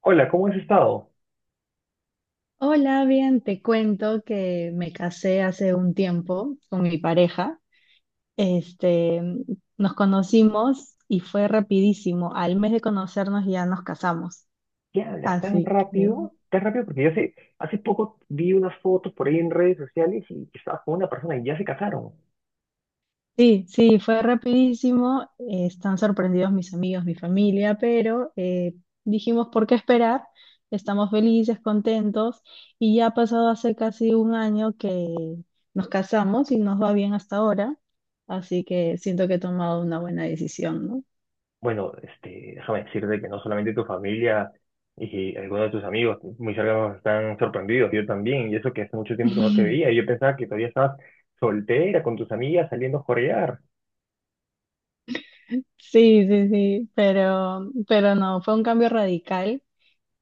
Hola, ¿cómo has estado? Hola, bien, te cuento que me casé hace un tiempo con mi pareja. Este, Nos conocimos y fue rapidísimo. Al mes de conocernos ya nos casamos. ¿Qué hablas tan Así que rápido? Tan rápido porque yo hace poco vi unas fotos por ahí en redes sociales y que estabas con una persona y ya se casaron. sí, sí, fue rapidísimo. Están sorprendidos mis amigos, mi familia, pero dijimos, ¿por qué esperar? Estamos felices, contentos y ya ha pasado hace casi un año que nos casamos y nos va bien hasta ahora, así que siento que he tomado una buena decisión, ¿no? Bueno, este, déjame decirte que no solamente tu familia y algunos de tus amigos muy cercanos están sorprendidos, yo también, y eso que hace mucho tiempo que no te veía, y yo pensaba que todavía estabas soltera con tus amigas saliendo a jorear. Sí, sí, sí, pero no, fue un cambio radical,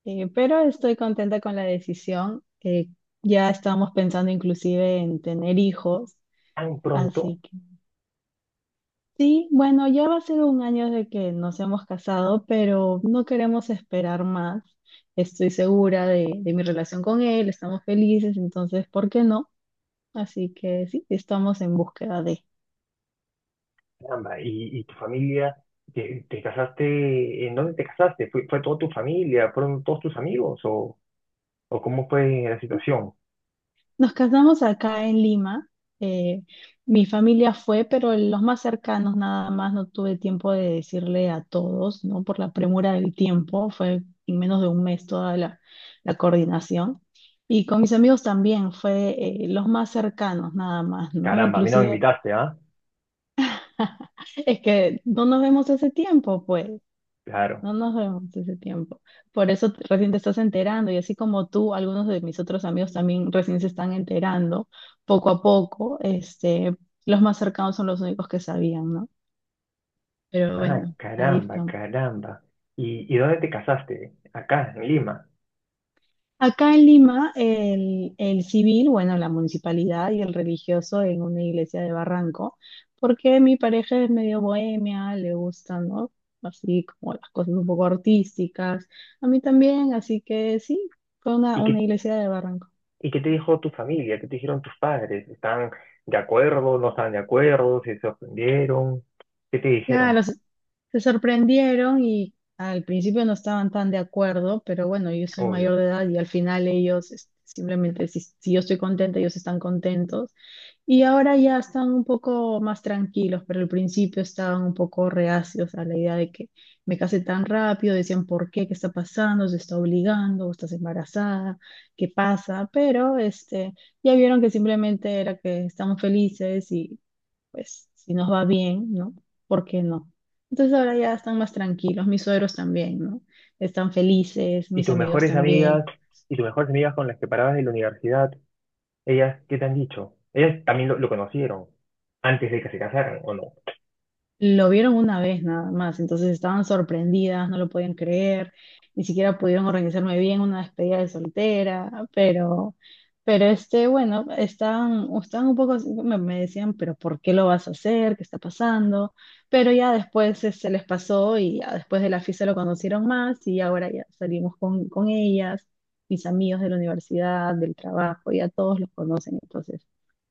pero estoy contenta con la decisión. Ya estábamos pensando inclusive en tener hijos. ¿Tan pronto? Así que sí, bueno, ya va a ser un año de que nos hemos casado, pero no queremos esperar más. Estoy segura de mi relación con él, estamos felices, entonces, ¿por qué no? Así que sí, estamos en búsqueda de. Caramba, y tu familia, te casaste, ¿en dónde te casaste? ¿Fue toda tu familia? ¿Fueron todos tus amigos o...? ¿O cómo fue la situación? Nos casamos acá en Lima. eh, Mi familia fue, pero los más cercanos nada más. No tuve tiempo de decirle a todos, ¿no? Por la premura del tiempo. Fue en menos de un mes toda la coordinación. Y con mis amigos también fue los más cercanos nada más, ¿no? Caramba, a mí no me Inclusive invitaste, ¿ah? es que no nos vemos hace tiempo, pues. Claro. No nos vemos ese tiempo. Por eso recién te estás enterando y así como tú, algunos de mis otros amigos también recién se están enterando poco a poco. Los más cercanos son los únicos que sabían, ¿no? Pero Ah, bueno, ahí caramba, estamos. caramba. ¿Y dónde te casaste? Acá, en Lima. Acá en Lima, el civil, bueno, la municipalidad y el religioso en una iglesia de Barranco, porque mi pareja es medio bohemia, le gustan, ¿no? Así como las cosas un poco artísticas. A mí también, así que sí, fue una, ¿Y una qué, iglesia de Barranco. y qué te dijo tu familia? ¿Qué te dijeron tus padres? ¿Están de acuerdo? ¿No están de acuerdo? ¿Si ¿Se sorprendieron? ¿Qué te dijeron? Claro, se sorprendieron y al principio no estaban tan de acuerdo, pero bueno, yo soy mayor Obvio. de edad y al final ellos simplemente, si yo estoy contenta, ellos están contentos. Y ahora ya están un poco más tranquilos, pero al principio estaban un poco reacios a la idea de que me case tan rápido, decían, ¿por qué? ¿Qué está pasando? ¿Se está obligando? ¿Estás embarazada? ¿Qué pasa? Pero ya vieron que simplemente era que estamos felices pues si nos va bien, ¿no? ¿Por qué no? Entonces ahora ya están más tranquilos, mis suegros también, ¿no? Están felices, ¿Y mis tus amigos mejores amigas? también. ¿Y tus mejores amigas con las que parabas de la universidad? ¿Ellas qué te han dicho? ¿Ellas también lo conocieron antes de que se casaran o no? Lo vieron una vez nada más, entonces estaban sorprendidas, no lo podían creer, ni siquiera pudieron organizarme bien una despedida de soltera, pero bueno, estaban un poco, así, me decían, pero ¿por qué lo vas a hacer? ¿Qué está pasando? Pero ya después se les pasó y ya después de la fiesta lo conocieron más y ahora ya salimos con ellas, mis amigos de la universidad, del trabajo, ya todos los conocen, entonces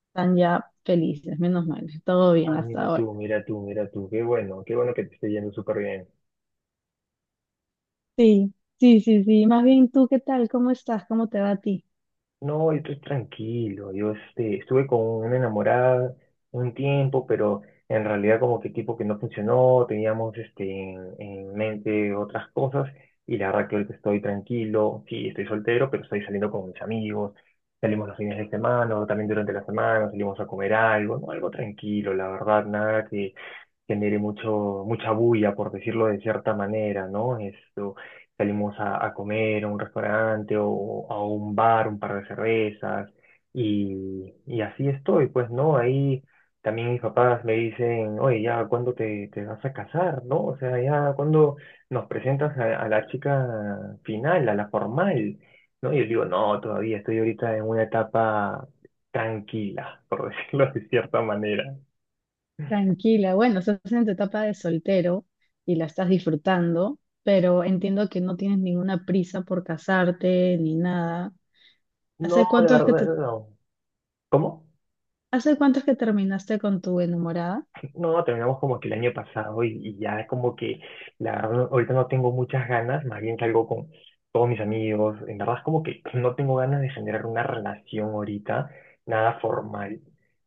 están ya felices, menos mal, todo bien Ah, hasta mira ahora. tú, mira tú, mira tú. Qué bueno que te esté yendo súper bien. Sí, sí, sí, sí. Más bien, ¿tú qué tal? ¿Cómo estás? ¿Cómo te va a ti? No, yo estoy tranquilo. Yo este, estuve con una enamorada un tiempo, pero en realidad como que tipo que no funcionó, teníamos este, en mente otras cosas y la verdad que ahorita estoy tranquilo. Sí, estoy soltero, pero estoy saliendo con mis amigos. Salimos los fines de semana o también durante la semana, salimos a comer algo, ¿no? Algo tranquilo, la verdad, nada que genere mucha bulla, por decirlo de cierta manera, ¿no? Esto, salimos a comer a un restaurante o a un bar, un par de cervezas, y así estoy, pues, ¿no? Ahí también mis papás me dicen, oye, ya, ¿cuándo te vas a casar, ¿no? O sea, ya, ¿cuándo nos presentas a la chica final, a la formal, ¿no? Y yo digo, no, todavía estoy ahorita en una etapa tranquila, por decirlo de cierta manera. Tranquila. Bueno, estás en tu etapa de soltero y la estás disfrutando, pero entiendo que no tienes ninguna prisa por casarte ni nada. No, ¿Hace la cuánto es que verdad, no. ¿Cómo? hace cuánto es que terminaste con tu enamorada? No, terminamos como que el año pasado y ya es como que la verdad ahorita no tengo muchas ganas, más bien salgo con todos mis amigos, en verdad es como que no tengo ganas de generar una relación ahorita, nada formal,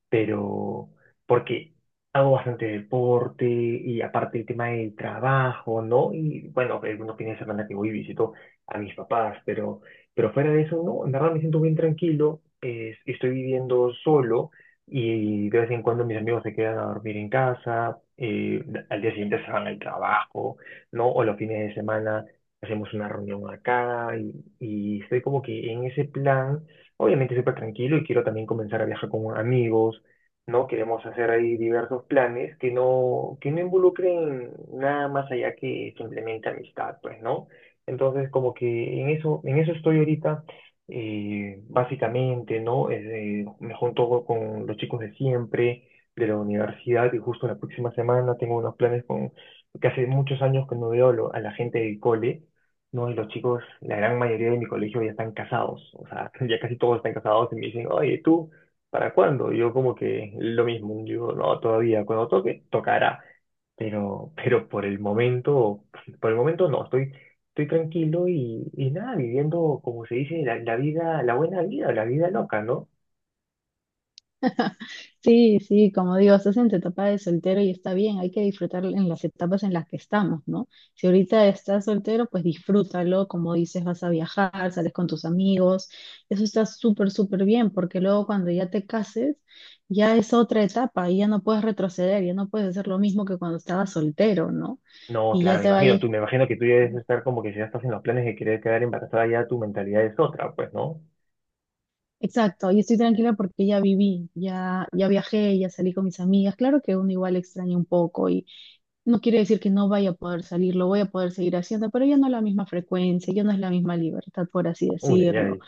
pero porque hago bastante deporte y aparte el tema del trabajo, ¿no? Y bueno, algunos fines de semana que voy y visito a mis papás, pero fuera de eso, no, en verdad me siento bien tranquilo, estoy viviendo solo. Y de vez en cuando mis amigos se quedan a dormir en casa, al día siguiente se van al trabajo, ¿no? O los fines de semana hacemos una reunión acá y estoy como que en ese plan, obviamente súper tranquilo y quiero también comenzar a viajar con amigos, ¿no? Queremos hacer ahí diversos planes que no involucren nada más allá que simplemente amistad, pues, ¿no? Entonces, como que en eso estoy ahorita básicamente, ¿no? Me junto con los chicos de siempre, de la universidad, y justo la próxima semana tengo unos planes que hace muchos años que no veo a la gente del cole, ¿no? Y los chicos, la gran mayoría de mi colegio ya están casados, o sea, ya casi todos están casados y me dicen, oye, ¿tú para cuándo? Y yo como que lo mismo, digo, no, todavía, cuando toque, tocará. Pero por el momento no, estoy tranquilo y nada, viviendo, como se dice, la vida, la buena vida, la vida loca, ¿no? Sí, sí, como digo, estás en tu etapa de soltero y está bien, hay que disfrutar en las etapas en las que estamos, ¿no? Si ahorita estás soltero, pues disfrútalo, como dices, vas a viajar, sales con tus amigos, eso está súper, súper bien, porque luego cuando ya te cases, ya es otra etapa y ya no puedes retroceder, ya no puedes hacer lo mismo que cuando estabas soltero, ¿no? No, Y claro, ya me te imagino, vayas. tú, me imagino que tú ya debes estar como que si ya estás en los planes de querer quedar embarazada, ya tu mentalidad es otra, pues, ¿no? Exacto, y estoy tranquila porque ya viví, ya viajé, ya salí con mis amigas. Claro que uno igual extraña un poco y, no quiere decir que no vaya a poder salir, lo voy a poder seguir haciendo, pero ya no es la misma frecuencia, ya no es la misma libertad, por así Uy, ay, decirlo. ay.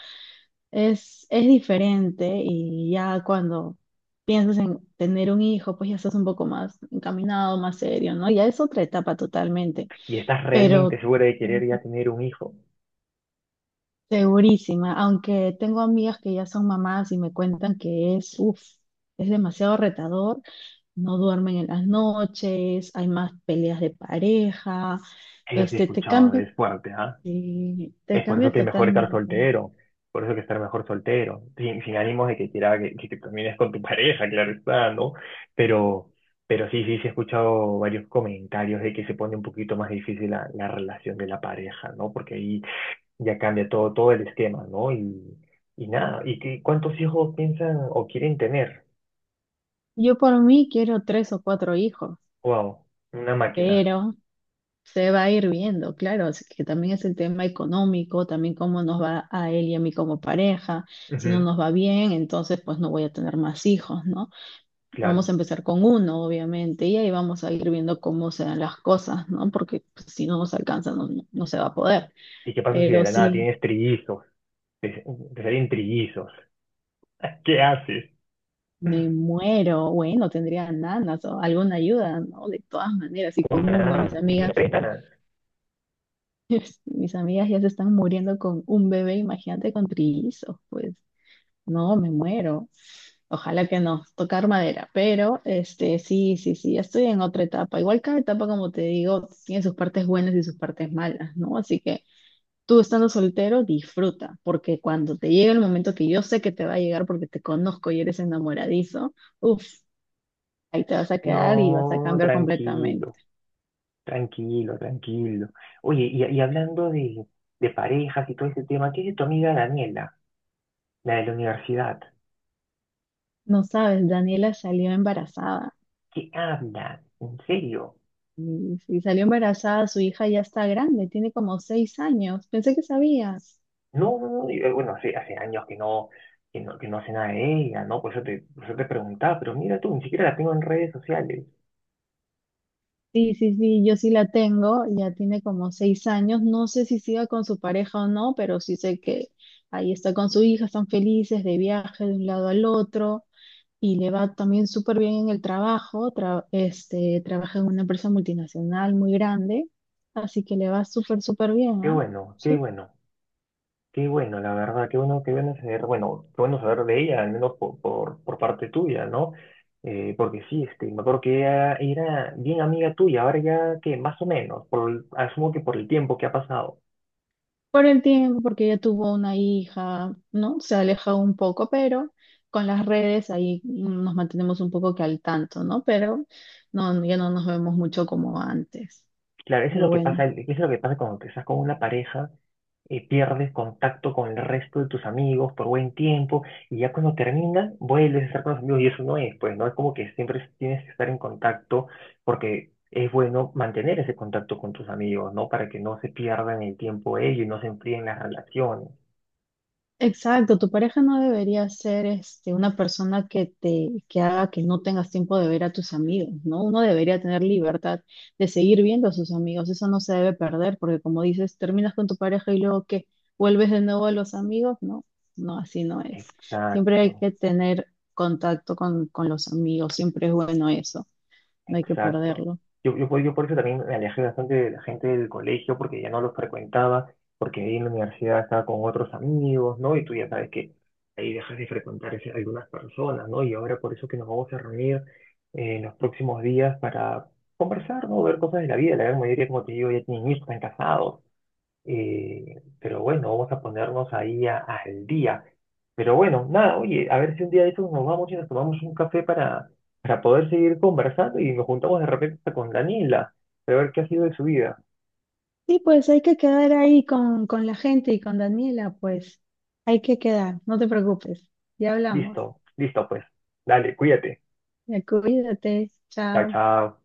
Es diferente y ya cuando piensas en tener un hijo, pues ya estás un poco más encaminado, más serio, ¿no? Ya es otra etapa totalmente, ¿Y estás pero realmente segura de eh, querer ya tener un hijo? segurísima, aunque tengo amigas que ya son mamás y me cuentan que es, uff, es demasiado retador, no duermen en las noches, hay más peleas de pareja. Eso sí he Este, te escuchado, cambia es fuerte, ¿ah? Sí, te Es por eso cambia que es mejor estar totalmente. soltero, por eso que estar mejor soltero, sin ánimos de que quiera que termines con tu pareja, claro está, ¿no? Pero, pero sí, sí, sí he escuchado varios comentarios de que se pone un poquito más difícil la relación de la pareja, ¿no? Porque ahí ya cambia todo el esquema, ¿no? Y nada, cuántos hijos piensan o quieren tener? Yo por mí quiero tres o cuatro hijos, Wow, una máquina. pero se va a ir viendo, claro, así que también es el tema económico, también cómo nos va a él y a mí como pareja. Si no Ujú, nos va bien, entonces pues no voy a tener más hijos, ¿no? Vamos claro. a empezar con uno, obviamente, y ahí vamos a ir viendo cómo se dan las cosas, ¿no? Porque pues, si no nos alcanza, no se va a poder. ¿Y qué pasa si de Pero la nada sí. tienes trillizos? Te, te salen trillizos. ¿Qué haces? Me muero, bueno, tendría nanas o alguna ayuda, ¿no? De todas maneras, y con uno, mis Una, dice amigas pétalas. mis amigas ya se están muriendo con un bebé, imagínate con trillizos, pues no, me muero. Ojalá que no, tocar madera, pero sí, sí, sí, ya estoy en otra etapa. Igual cada etapa, como te digo, tiene sus partes buenas y sus partes malas, ¿no? Así que tú estando soltero, disfruta, porque cuando te llegue el momento que yo sé que te va a llegar porque te conozco y eres enamoradizo, uff, ahí te vas a quedar y vas a No, cambiar completamente. tranquilo, tranquilo, tranquilo. Oye, y hablando de parejas y todo ese tema, ¿qué es de tu amiga Daniela, la de la universidad? No sabes, Daniela salió embarazada. ¿Qué habla? ¿En serio? Y salió embarazada, su hija ya está grande, tiene como 6 años. Pensé que sabías. No, no, no, y, bueno, hace años que no hace nada de ella, ¿no? Por eso te preguntaba, pero mira tú, ni siquiera la tengo en redes sociales. Sí, sí, sí, yo sí la tengo, ya tiene como 6 años. No sé si siga con su pareja o no, pero sí sé que ahí está con su hija, están felices de viaje de un lado al otro y le va también súper bien en el trabajo. Trabaja en una empresa multinacional muy grande, así que le va súper, súper bien, Qué ¿ah? bueno, qué Sí. bueno. Qué bueno, la verdad, qué bueno saber, qué bueno saber de ella, al menos por, parte tuya, ¿no? Porque sí, este, me acuerdo que ella era bien amiga tuya, ahora ya que más o menos, asumo que por el tiempo que ha pasado. Por el tiempo, porque ella tuvo una hija, ¿no? Se ha alejado un poco, pero con las redes ahí nos mantenemos un poco que al tanto, ¿no? Pero no, ya no nos vemos mucho como antes. Claro, eso es Pero lo que pasa, bueno. eso es lo que pasa cuando te estás con una pareja, pierdes contacto con el resto de tus amigos por buen tiempo, y ya cuando terminan, vuelves a estar con los amigos, y eso no es, pues, ¿no? Es como que siempre tienes que estar en contacto, porque es bueno mantener ese contacto con tus amigos, ¿no? Para que no se pierdan el tiempo ellos y no se enfríen las relaciones. Exacto, tu pareja no debería ser una persona que te que haga que no tengas tiempo de ver a tus amigos, ¿no? Uno debería tener libertad de seguir viendo a sus amigos, eso no se debe perder, porque como dices, terminas con tu pareja y luego que vuelves de nuevo a los amigos, no, no, así no es. Siempre hay Exacto. que tener contacto con los amigos, siempre es bueno eso, no hay que Exacto. perderlo. Yo por eso también me alejé bastante de la gente del colegio, porque ya no los frecuentaba, porque ahí en la universidad estaba con otros amigos, ¿no? Y tú ya sabes que ahí dejas de frecuentar algunas personas, ¿no? Y ahora por eso que nos vamos a reunir en los próximos días para conversar, ¿no? Ver cosas de la vida. La gran mayoría, como te digo, ya tienen hijos, están casados, pero bueno, vamos a ponernos ahí al día. Pero bueno, nada, oye, a ver si un día de estos nos vamos y nos tomamos un café para poder seguir conversando y nos juntamos de repente hasta con Daniela, para ver qué ha sido de su vida. Sí, pues hay que quedar ahí con la gente y con Daniela, pues hay que quedar, no te preocupes, ya hablamos. Listo, listo pues. Dale, cuídate. Ya cuídate, Chao, chao. chao.